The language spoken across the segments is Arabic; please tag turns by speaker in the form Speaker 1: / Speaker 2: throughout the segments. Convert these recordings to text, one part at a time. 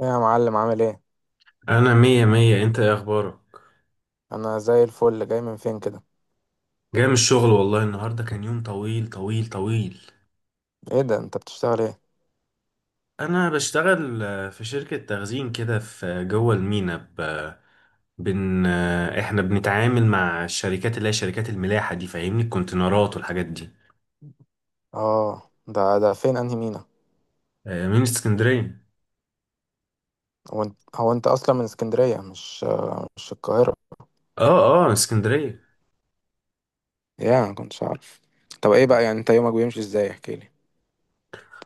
Speaker 1: ايه يا معلم، عامل ايه؟
Speaker 2: انا مية مية. انت ايه اخبارك؟
Speaker 1: انا زي الفل. جاي من فين كده؟
Speaker 2: جاي من الشغل، والله النهاردة كان يوم طويل طويل طويل.
Speaker 1: ايه ده، انت بتشتغل ايه؟
Speaker 2: انا بشتغل في شركة تخزين كده في جوه المينا ب... بن... آه، احنا بنتعامل مع الشركات اللي هي شركات الملاحة دي فاهمني، الكونتينرات والحاجات دي.
Speaker 1: اه، ده فين؟ انهي مينا؟
Speaker 2: من اسكندرية.
Speaker 1: هو انت اصلا من اسكندريه، مش القاهره؟
Speaker 2: اه، اه اسكندرية.
Speaker 1: يا ما كنتش عارف. طب ايه بقى، يعني انت يومك بيمشي ازاي؟ احكي لي.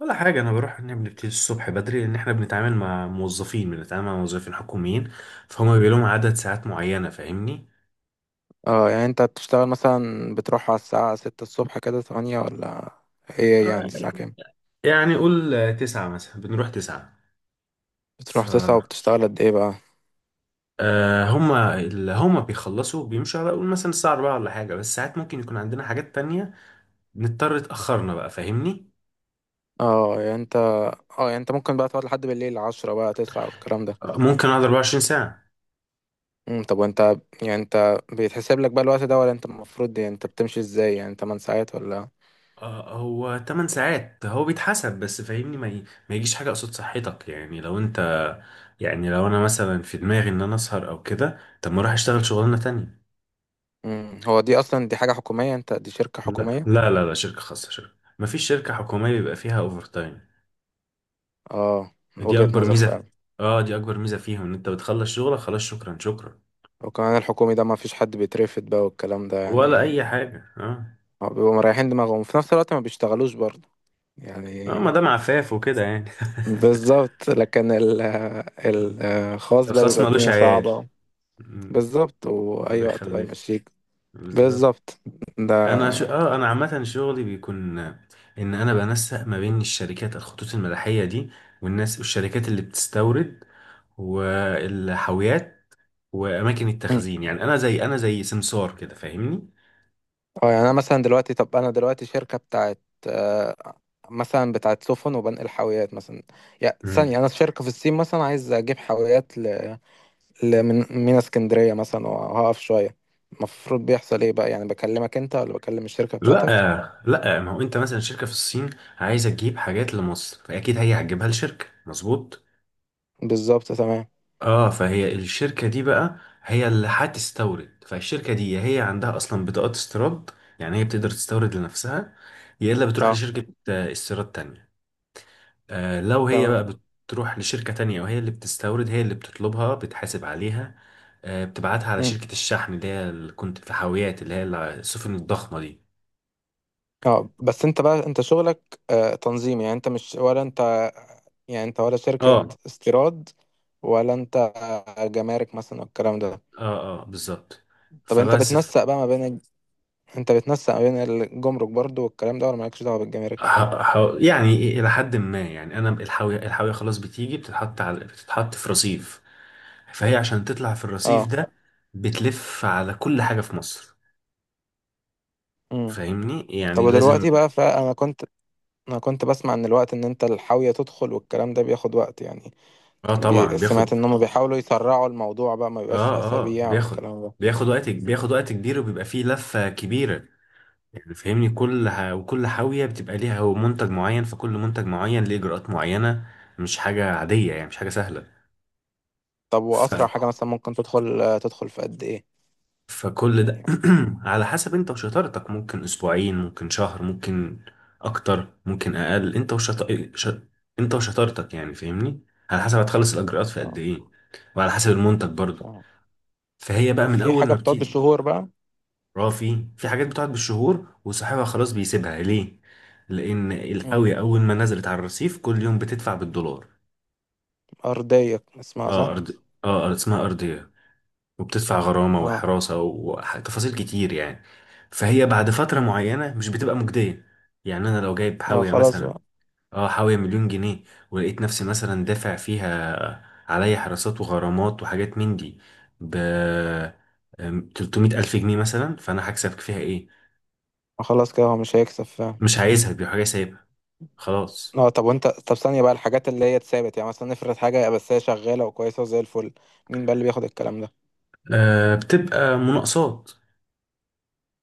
Speaker 2: ولا حاجة، أنا بروح إن بنبتدي الصبح بدري لأن إحنا بنتعامل مع موظفين بنتعامل مع موظفين حكوميين، فهم بيبقى لهم عدد ساعات معينة فاهمني.
Speaker 1: اه، يعني انت بتشتغل مثلا، بتروح على الساعه 6 الصبح كده، 8 ولا ايه؟ يعني
Speaker 2: آه.
Speaker 1: الساعه كام؟
Speaker 2: يعني قول 9 مثلا، بنروح 9. ف
Speaker 1: بتروح 9 وبتشتغل قد ايه بقى؟
Speaker 2: آه، هما اللي هما بيخلصوا بيمشوا على قول مثلا الساعة 4 ولا حاجة، بس ساعات ممكن يكون عندنا حاجات تانية نضطر اتأخرنا بقى فاهمني.
Speaker 1: اه يعني انت اه، يعني انت ممكن بقى تقعد لحد بالليل 10 بقى 9 والكلام ده؟
Speaker 2: ممكن أقعد 24 ساعة.
Speaker 1: طب وانت، يعني انت بيتحسب لك بقى الوقت ده، ولا انت المفروض، يعني انت بتمشي ازاي؟ يعني 8 ساعات ولا؟
Speaker 2: هو 8 ساعات هو بيتحسب، بس فاهمني ما يجيش حاجة قصاد صحتك. يعني لو أنت، يعني لو أنا مثلا في دماغي إن أنا أسهر أو كده، طب ما أروح أشتغل شغلانة تانية.
Speaker 1: هو دي اصلا، دي حاجة حكومية؟ انت دي شركة
Speaker 2: لا
Speaker 1: حكومية؟
Speaker 2: لا لا لا، شركة خاصة. شركة، مفيش شركة حكومية بيبقى فيها أوفر تايم.
Speaker 1: اه،
Speaker 2: دي
Speaker 1: وجهة
Speaker 2: اكبر
Speaker 1: نظر
Speaker 2: ميزه في...
Speaker 1: فعلا.
Speaker 2: اه، دي اكبر ميزه فيهم ان انت بتخلص شغلك، خلاص، شكرا شكرا.
Speaker 1: وكمان الحكومي ده ما فيش حد بيترفد بقى والكلام ده
Speaker 2: ولا
Speaker 1: يعني.
Speaker 2: اي حاجه، اه.
Speaker 1: هو بيبقوا مريحين دماغهم وفي نفس الوقت ما بيشتغلوش برضه
Speaker 2: اه،
Speaker 1: يعني.
Speaker 2: ما دام عفاف وكده يعني.
Speaker 1: بالظبط. لكن الخاص بقى
Speaker 2: الخاص
Speaker 1: بيبقى
Speaker 2: ملوش
Speaker 1: الدنيا
Speaker 2: عيال.
Speaker 1: صعبة.
Speaker 2: مم.
Speaker 1: بالظبط،
Speaker 2: ما
Speaker 1: واي وقت بقى
Speaker 2: بيخلفش.
Speaker 1: يمشيك.
Speaker 2: بالظبط.
Speaker 1: بالظبط. ده
Speaker 2: انا ش... اه انا عامه شغلي بيكون ان انا بنسق ما بين الشركات، الخطوط الملاحيه دي، والناس، والشركات اللي بتستورد، والحاويات، واماكن التخزين. يعني انا زي سمسار كده فاهمني.
Speaker 1: اه، يعني انا مثلا دلوقتي، طب انا دلوقتي شركه بتاعت، آه، مثلا بتاعت سفن وبنقل حاويات مثلا، يعني
Speaker 2: مم.
Speaker 1: ثانيه انا شركه في الصين مثلا عايز اجيب حاويات من مينا اسكندريه مثلا، وهقف شويه. المفروض بيحصل ايه بقى؟ يعني بكلمك انت ولا بكلم الشركه بتاعتك؟
Speaker 2: لا لا، ما هو انت مثلا شركه في الصين عايزه تجيب حاجات لمصر، فاكيد هي هتجيبها لشركه، مظبوط.
Speaker 1: بالظبط تمام.
Speaker 2: اه، فهي الشركه دي بقى، هي اللي هتستورد. فالشركه دي يا هي عندها اصلا بطاقات استيراد، يعني هي بتقدر تستورد لنفسها، يا الا بتروح
Speaker 1: اه
Speaker 2: لشركه استيراد تانية. آه، لو هي بقى
Speaker 1: تمام.
Speaker 2: بتروح لشركه تانية وهي اللي بتستورد، هي اللي بتطلبها، بتحاسب عليها. آه، بتبعتها على
Speaker 1: مم.
Speaker 2: شركه الشحن اللي هي اللي كنت، في حاويات اللي هي السفن الضخمه دي.
Speaker 1: اه، بس انت بقى، انت شغلك تنظيم؟ يعني انت مش ولا انت، يعني انت ولا شركه
Speaker 2: اه.
Speaker 1: استيراد، ولا انت جمارك مثلا والكلام ده؟
Speaker 2: اه اه بالظبط.
Speaker 1: طب انت
Speaker 2: فبس ف...
Speaker 1: بتنسق بقى ما بين، انت بتنسق بين الجمرك برضو والكلام ده، ولا مالكش دعوه بالجمارك؟
Speaker 2: ح... ح... يعني إيه، الى حد ما، يعني انا الحاويه خلاص بتيجي بتتحط على، بتتحط في رصيف، فهي عشان تطلع في الرصيف
Speaker 1: اه.
Speaker 2: ده بتلف على كل حاجه في مصر
Speaker 1: امم
Speaker 2: فاهمني،
Speaker 1: طب
Speaker 2: يعني لازم.
Speaker 1: ودلوقتي بقى، فانا كنت، انا كنت بسمع ان الوقت، ان انت الحاويه تدخل والكلام ده بياخد وقت يعني.
Speaker 2: اه طبعا
Speaker 1: سمعت
Speaker 2: بياخد.
Speaker 1: ان هم بيحاولوا يسرعوا الموضوع بقى، ما بيبقاش
Speaker 2: اه اه
Speaker 1: اسابيع
Speaker 2: بياخد،
Speaker 1: والكلام ده.
Speaker 2: وقت بياخد وقت كبير وبيبقى فيه لفه كبيره يعني فاهمني. وكل حاويه بتبقى ليها هو منتج معين، فكل منتج معين ليه اجراءات معينه. مش حاجه عاديه يعني، مش حاجه
Speaker 1: طب واسرع حاجه
Speaker 2: سهله.
Speaker 1: مثلا ممكن تدخل في قد ايه
Speaker 2: فكل ده
Speaker 1: يعني؟
Speaker 2: على حسب انت وشطارتك، ممكن اسبوعين، ممكن شهر، ممكن اكتر، ممكن اقل. ش... انت وشطارتك يعني فاهمني. على حسب هتخلص الاجراءات في قد
Speaker 1: اه،
Speaker 2: ايه، وعلى حسب المنتج برضو.
Speaker 1: فاهم.
Speaker 2: فهي بقى من
Speaker 1: وفي
Speaker 2: اول
Speaker 1: حاجه
Speaker 2: ما
Speaker 1: بتقعد
Speaker 2: بتيجي.
Speaker 1: بالشهور بقى؟
Speaker 2: رافي، في حاجات بتقعد بالشهور وصاحبها خلاص بيسيبها. ليه؟ لان
Speaker 1: امم
Speaker 2: القوية اول ما نزلت على الرصيف كل يوم بتدفع بالدولار.
Speaker 1: ارضيه اسمها،
Speaker 2: اه
Speaker 1: صح؟
Speaker 2: ارض اه، اسمها ارضية، وبتدفع غرامة
Speaker 1: اه.
Speaker 2: وحراسة وتفاصيل كتير يعني، فهي بعد فترة
Speaker 1: امم.
Speaker 2: معينة مش بتبقى مجدية. يعني أنا لو جايب
Speaker 1: اه،
Speaker 2: حاوية
Speaker 1: خلاص
Speaker 2: مثلا،
Speaker 1: بقى.
Speaker 2: اه حاوية مليون جنيه، ولقيت نفسي مثلا دافع فيها عليا حراسات وغرامات وحاجات من دي ب 300 ألف جنيه مثلا، فأنا هكسب فيها إيه؟
Speaker 1: خلاص كده، هو مش هيكسب فعلا.
Speaker 2: مش عايزها، دي حاجة سايبها، خلاص.
Speaker 1: اه، طب وانت، طب ثانية بقى الحاجات اللي هي اتثابت، يعني مثلا نفرض حاجة بس هي شغالة وكويسة وزي الفل، مين بقى اللي بياخد الكلام ده؟
Speaker 2: آه، بتبقى مناقصات.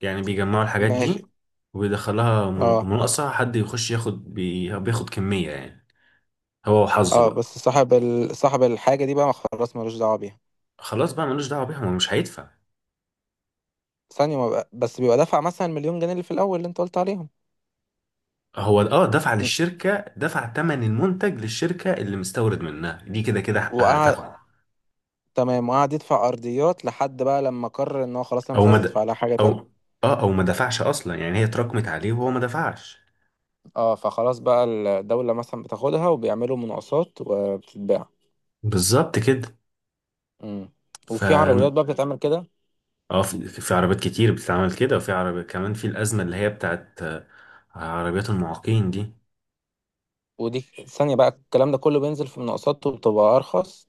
Speaker 2: يعني بيجمعوا الحاجات
Speaker 1: ماشي.
Speaker 2: دي
Speaker 1: اه.
Speaker 2: مناقصة، حد يخش ياخد بياخد كمية يعني، هو وحظه
Speaker 1: اه، بس
Speaker 2: بقى.
Speaker 1: صاحب صاحب الحاجة دي بقى ما خلاص ملوش دعوة بيها؟
Speaker 2: خلاص بقى ملوش دعوه بيها، هو مش هيدفع.
Speaker 1: ثانية ما بقى... بس بيبقى دفع مثلا مليون جنيه اللي في الأول اللي انت قلت عليهم.
Speaker 2: هو، اه، دفع
Speaker 1: م-
Speaker 2: للشركه، دفع ثمن المنتج للشركه اللي مستورد منها دي، كده كده حقها
Speaker 1: وقعد،
Speaker 2: هتاخده.
Speaker 1: تمام، وقعد يدفع أرضيات لحد بقى لما قرر ان هو خلاص انا
Speaker 2: او
Speaker 1: مش
Speaker 2: ما
Speaker 1: عايز
Speaker 2: د-
Speaker 1: ادفع لها حاجة
Speaker 2: او
Speaker 1: تانية؟
Speaker 2: اه، او ما دفعش اصلا، يعني هي اتراكمت عليه وهو ما دفعش.
Speaker 1: اه، فخلاص بقى الدولة مثلا بتاخدها وبيعملوا مناقصات وبتتباع.
Speaker 2: بالظبط كده.
Speaker 1: امم.
Speaker 2: ف
Speaker 1: وفي عربيات بقى بتتعمل كده؟
Speaker 2: اه في في عربيات كتير بتتعمل كده، وفي عربية كمان في الأزمة اللي هي بتاعت عربيات المعاقين دي.
Speaker 1: ودي ثانية بقى الكلام ده كله بينزل في مناقصات وبتبقى أرخص؟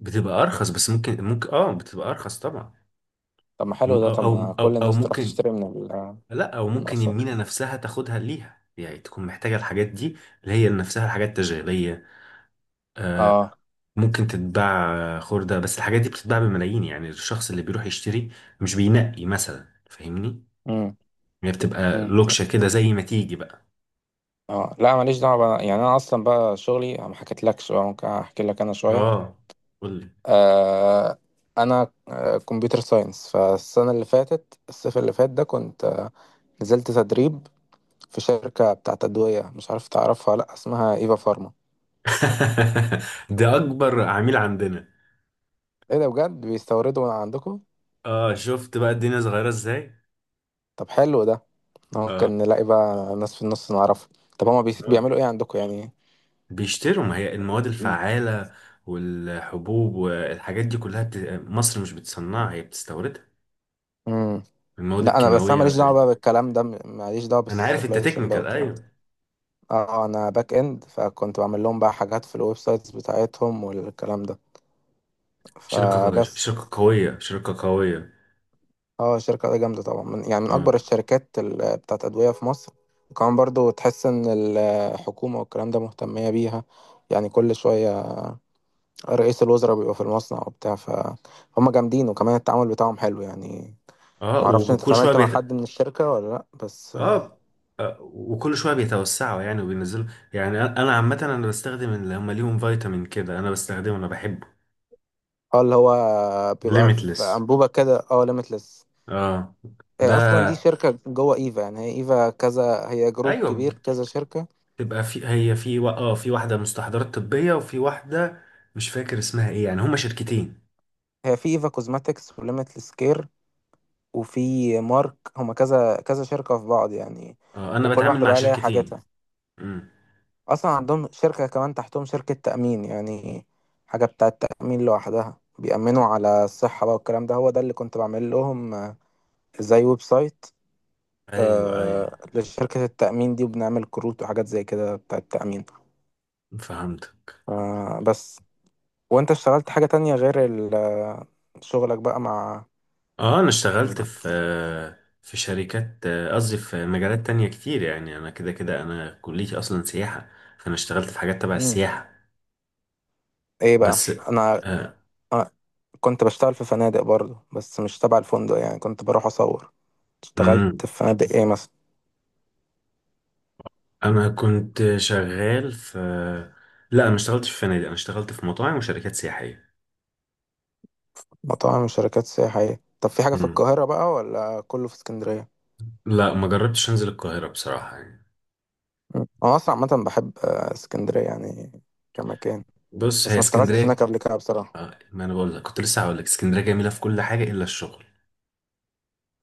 Speaker 2: بتبقى أرخص، بس ممكن اه بتبقى أرخص طبعا.
Speaker 1: طب ما حلو
Speaker 2: وم-
Speaker 1: ده،
Speaker 2: أو
Speaker 1: طب ما
Speaker 2: أو
Speaker 1: كل
Speaker 2: أو, أو
Speaker 1: الناس تروح
Speaker 2: ممكن
Speaker 1: تشتري من
Speaker 2: لا او ممكن
Speaker 1: المناقصات.
Speaker 2: المينا نفسها تاخدها ليها، يعني تكون محتاجة الحاجات دي اللي هي نفسها الحاجات التجارية. آه،
Speaker 1: اه.
Speaker 2: ممكن تتباع خردة، بس الحاجات دي بتتباع بملايين. يعني الشخص اللي بيروح يشتري مش بينقي مثلا فاهمني.
Speaker 1: امم.
Speaker 2: هي بتبقى
Speaker 1: امم.
Speaker 2: لوكشة كده زي ما تيجي بقى.
Speaker 1: اه، لا ماليش دعوة بقى. يعني أنا أصلا بقى شغلي، أنا ما حكيتلكش بقى، ممكن أحكي لك أنا شوية.
Speaker 2: اه، قولي.
Speaker 1: آه أنا، كمبيوتر ساينس، فالسنة اللي فاتت، الصيف اللي فات ده كنت نزلت تدريب في شركة بتاعت أدوية، مش عارف تعرفها ولا لأ، اسمها إيفا فارما.
Speaker 2: ده اكبر عميل عندنا.
Speaker 1: إيه ده بجد، بيستوردوا من عندكم؟
Speaker 2: اه، شفت بقى الدنيا صغيرة ازاي.
Speaker 1: طب حلو ده. اه،
Speaker 2: اه.
Speaker 1: كان نلاقي بقى ناس في النص نعرفها. طب هما
Speaker 2: آه.
Speaker 1: بيعملوا ايه عندكم يعني؟
Speaker 2: بيشتروا، ما هي المواد الفعالة والحبوب والحاجات دي مصر مش بتصنعها، هي بتستوردها،
Speaker 1: امم.
Speaker 2: المواد
Speaker 1: لا انا بس انا
Speaker 2: الكيماوية
Speaker 1: ماليش دعوه
Speaker 2: والحاجات دي.
Speaker 1: بقى بالكلام ده، ماليش دعوه
Speaker 2: أنا عارف أنت
Speaker 1: بالسبلاي تشين بقى
Speaker 2: تكنيكال،
Speaker 1: والكلام ده.
Speaker 2: أيوه.
Speaker 1: اه، انا باك اند، فكنت بعمل لهم بقى حاجات في الويب سايتس بتاعتهم والكلام ده.
Speaker 2: شركة،
Speaker 1: فبس.
Speaker 2: شركة قوية، شركة قوية.
Speaker 1: اه، الشركه دي جامده طبعا، من يعني من
Speaker 2: اه.
Speaker 1: اكبر الشركات بتاعت ادويه في مصر. وكمان برضو تحس ان الحكومه والكلام ده مهتميه بيها يعني. كل شويه رئيس الوزراء بيبقى في المصنع وبتاع، فهم جامدين، وكمان التعامل بتاعهم حلو يعني. ما
Speaker 2: اه
Speaker 1: اعرفش انت
Speaker 2: وكل شوية
Speaker 1: اتعاملت مع
Speaker 2: بيت...
Speaker 1: حد من الشركه ولا لا، بس.
Speaker 2: اه آه، وكل شويه بيتوسعوا يعني وبينزلوا. يعني انا عامه انا بستخدم اللي هم ليهم فيتامين كده، انا بستخدمه، انا بحبه.
Speaker 1: اه، اللي هو بيبقى في
Speaker 2: ليميتلس،
Speaker 1: انبوبه كده، اه، ليميتلس.
Speaker 2: اه،
Speaker 1: هي
Speaker 2: ده.
Speaker 1: اصلا دي شركه جوه ايفا، يعني هي ايفا كذا، هي جروب
Speaker 2: ايوه،
Speaker 1: كبير كذا شركه.
Speaker 2: تبقى في، هي في و... اه في واحدة مستحضرات طبية وفي واحدة مش فاكر اسمها ايه يعني. هما شركتين.
Speaker 1: هي في ايفا كوزماتكس وليميتلس كير، وفي مارك، هما كذا كذا شركه في بعض يعني.
Speaker 2: اه، انا
Speaker 1: وكل
Speaker 2: بتعامل
Speaker 1: واحده
Speaker 2: مع
Speaker 1: بقى ليها
Speaker 2: شركتين.
Speaker 1: حاجاتها.
Speaker 2: امم.
Speaker 1: اصلا عندهم شركه كمان تحتهم شركه تامين يعني، حاجه بتاعه تامين لوحدها، بيأمنوا على الصحة بقى والكلام ده. هو ده اللي كنت بعمل لهم، زي ويب سايت،
Speaker 2: ايوه ايوه.
Speaker 1: لشركة التأمين دي، وبنعمل كروت وحاجات زي كده بتاع التأمين.
Speaker 2: فهمتك.
Speaker 1: بس، وانت اشتغلت حاجة تانية غير شغلك بقى مع؟
Speaker 2: اه، انا
Speaker 1: يعني
Speaker 2: اشتغلت
Speaker 1: مع.
Speaker 2: في في شركات، قصدي في مجالات تانية كتير. يعني انا كده كده انا كليتي اصلا سياحة، فانا اشتغلت في حاجات تبع
Speaker 1: مم.
Speaker 2: السياحة.
Speaker 1: ايه بقى
Speaker 2: بس.
Speaker 1: انا،
Speaker 2: آه.
Speaker 1: آه كنت بشتغل في فنادق برضو، بس مش تبع الفندق، يعني كنت بروح اصور.
Speaker 2: امم.
Speaker 1: اشتغلت في فنادق ايه مثلا؟
Speaker 2: انا كنت شغال في لا، انا ما اشتغلتش في فنادق، انا اشتغلت في مطاعم وشركات سياحية.
Speaker 1: مطاعم، شركات سياحية. طب في حاجة في
Speaker 2: امم.
Speaker 1: القاهرة بقى ولا كله في اسكندرية؟
Speaker 2: لا، ما جربتش انزل القاهرة بصراحة يعني.
Speaker 1: مم. انا اصلا عامة بحب اسكندرية يعني، كمكان،
Speaker 2: بص، هي
Speaker 1: بس ما اشتغلتش هناك
Speaker 2: اسكندرية،
Speaker 1: قبل كده بصراحة.
Speaker 2: ما انا بقول لك كنت لسه هقول لك، اسكندرية جميلة في كل حاجة الا الشغل.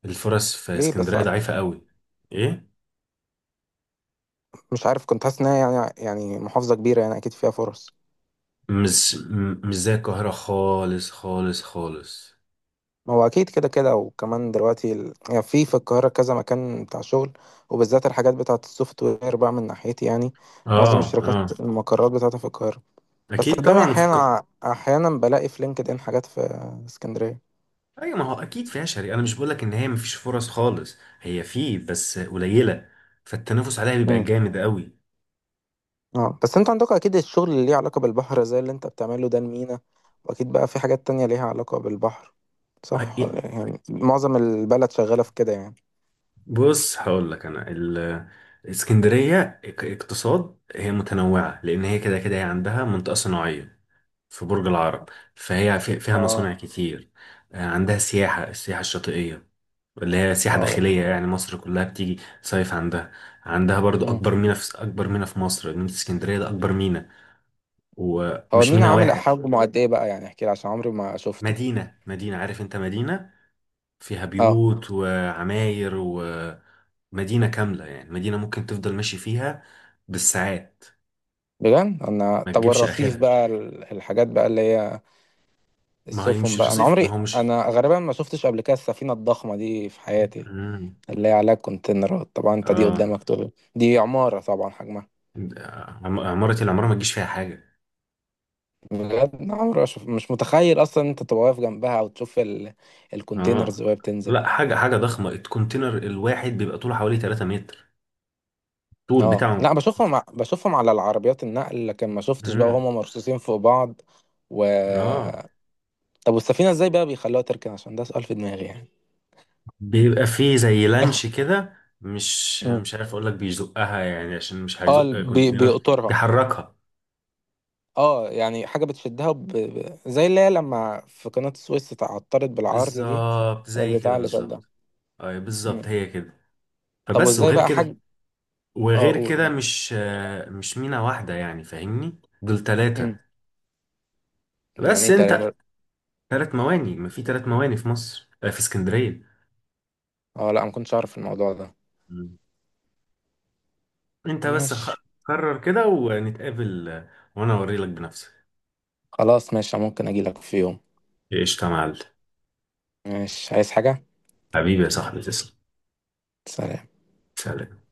Speaker 2: الفرص في
Speaker 1: ليه بس؟
Speaker 2: اسكندرية ضعيفة قوي. ايه؟
Speaker 1: مش عارف، كنت حاسس انها يعني محافظة كبيرة، يعني اكيد فيها فرص.
Speaker 2: مش زي القاهرة خالص خالص خالص.
Speaker 1: ما هو اكيد كده كده، وكمان دلوقتي يعني في القاهرة كذا مكان بتاع شغل، وبالذات الحاجات بتاعة السوفت وير بقى من ناحيتي يعني. معظم
Speaker 2: اه
Speaker 1: الشركات
Speaker 2: اه.
Speaker 1: المقرات بتاعتها في القاهرة. بس
Speaker 2: اكيد
Speaker 1: صدقني،
Speaker 2: طبعا
Speaker 1: احيانا احيانا بلاقي في لينكد ان حاجات في اسكندرية.
Speaker 2: ايوه، ما هو اكيد فيها شري، انا مش بقول لك ان هي مفيش فرص خالص، هي في بس قليلة، فالتنافس عليها بيبقى
Speaker 1: امم.
Speaker 2: جامد
Speaker 1: اه، بس انتوا عندكم اكيد الشغل اللي ليه علاقة بالبحر، زي اللي انت بتعمله ده، المينا. واكيد بقى في حاجات تانية ليها علاقة بالبحر. صح
Speaker 2: قوي.
Speaker 1: ولا- إيه؟ يعني معظم البلد شغالة في كده يعني.
Speaker 2: بص هقول لك انا ال- اسكندريه كاقتصاد هي متنوعه، لان هي كده كده هي عندها منطقه صناعيه في برج العرب. فيها
Speaker 1: اه
Speaker 2: مصانع كتير. عندها سياحه، السياحه الشاطئيه اللي هي سياحه
Speaker 1: اه.
Speaker 2: داخليه، يعني مصر كلها بتيجي صيف عندها. عندها برضو
Speaker 1: مم.
Speaker 2: اكبر ميناء. في اكبر ميناء في مصر، ميناء اسكندريه ده اكبر ميناء،
Speaker 1: هو
Speaker 2: ومش
Speaker 1: المينا
Speaker 2: ميناء
Speaker 1: عامل
Speaker 2: واحد.
Speaker 1: حجمه قد ايه بقى؟ يعني احكي لي عشان عمري ما شفته.
Speaker 2: مدينه، مدينه، عارف انت، مدينه فيها
Speaker 1: اه
Speaker 2: بيوت وعماير، ومدينة كاملة، يعني مدينة ممكن تفضل ماشي فيها بالساعات.
Speaker 1: بجد. انا
Speaker 2: ما
Speaker 1: طب
Speaker 2: تجيبش
Speaker 1: والرصيف
Speaker 2: آخرها.
Speaker 1: بقى الحاجات بقى اللي هي
Speaker 2: ما هي
Speaker 1: السفن
Speaker 2: مش
Speaker 1: بقى، انا
Speaker 2: رصيف، ما
Speaker 1: عمري
Speaker 2: هو مش.
Speaker 1: انا غالبا ما شفتش قبل كده السفينه الضخمه دي في حياتي،
Speaker 2: مم.
Speaker 1: اللي هي عليها كونتينرات، طبعا انت دي
Speaker 2: اه،
Speaker 1: قدامك طول، دي عماره طبعا حجمها.
Speaker 2: عمارة، العمارة ما تجيش فيها حاجة.
Speaker 1: بجد أنا عمري ما شف- مش متخيل اصلا إن انت تبقى واقف جنبها او تشوف الكونتينرز
Speaker 2: اه.
Speaker 1: وهي بتنزل.
Speaker 2: لا، حاجة، حاجة ضخمة، الكونتينر الواحد بيبقى طوله حوالي 3 متر طول
Speaker 1: اه لا،
Speaker 2: بتاعه.
Speaker 1: بشوفهم بشوفهم على العربيات النقل، لكن ما شفتش بقى
Speaker 2: مم.
Speaker 1: وهم مرصوصين فوق بعض. و
Speaker 2: اه،
Speaker 1: طب والسفينة ازاي بقى بيخلوها تركن؟ عشان ده سؤال في دماغي يعني.
Speaker 2: بيبقى فيه زي لانش كده، مش
Speaker 1: مم.
Speaker 2: مش عارف اقول لك، بيزقها يعني، عشان مش
Speaker 1: اه، ال-
Speaker 2: هيزق
Speaker 1: بي
Speaker 2: كونتينر،
Speaker 1: بيقطرها.
Speaker 2: بيحركها.
Speaker 1: اه، يعني حاجة بتشدها زي اللي هي لما في قناة السويس اتعطلت بالعرض دي،
Speaker 2: بالظبط زي
Speaker 1: البتاع
Speaker 2: كده
Speaker 1: اللي شدها.
Speaker 2: بالظبط. اي بالظبط
Speaker 1: مم.
Speaker 2: هي كده.
Speaker 1: طب
Speaker 2: فبس.
Speaker 1: وازاي
Speaker 2: وغير
Speaker 1: بقى
Speaker 2: كده،
Speaker 1: حاج؟ اه،
Speaker 2: وغير
Speaker 1: قول
Speaker 2: كده،
Speaker 1: قول.
Speaker 2: مش مش مينا واحدة يعني فاهمني، دول 3.
Speaker 1: مم. يعني
Speaker 2: بس
Speaker 1: ايه
Speaker 2: انت،
Speaker 1: تلاتة؟
Speaker 2: 3 مواني، ما في 3 مواني في مصر في اسكندرية.
Speaker 1: اه لا، ما كنتش اعرف الموضوع ده.
Speaker 2: مم. انت بس خ-
Speaker 1: ماشي.
Speaker 2: قرر كده ونتقابل وانا اوريلك بنفسي.
Speaker 1: خلاص ماشي، ممكن اجي لك في يوم.
Speaker 2: ايش يا معلم.
Speaker 1: ماشي، عايز حاجة؟
Speaker 2: حبيبي يا صاحبي تسلم.
Speaker 1: سلام.
Speaker 2: سلام.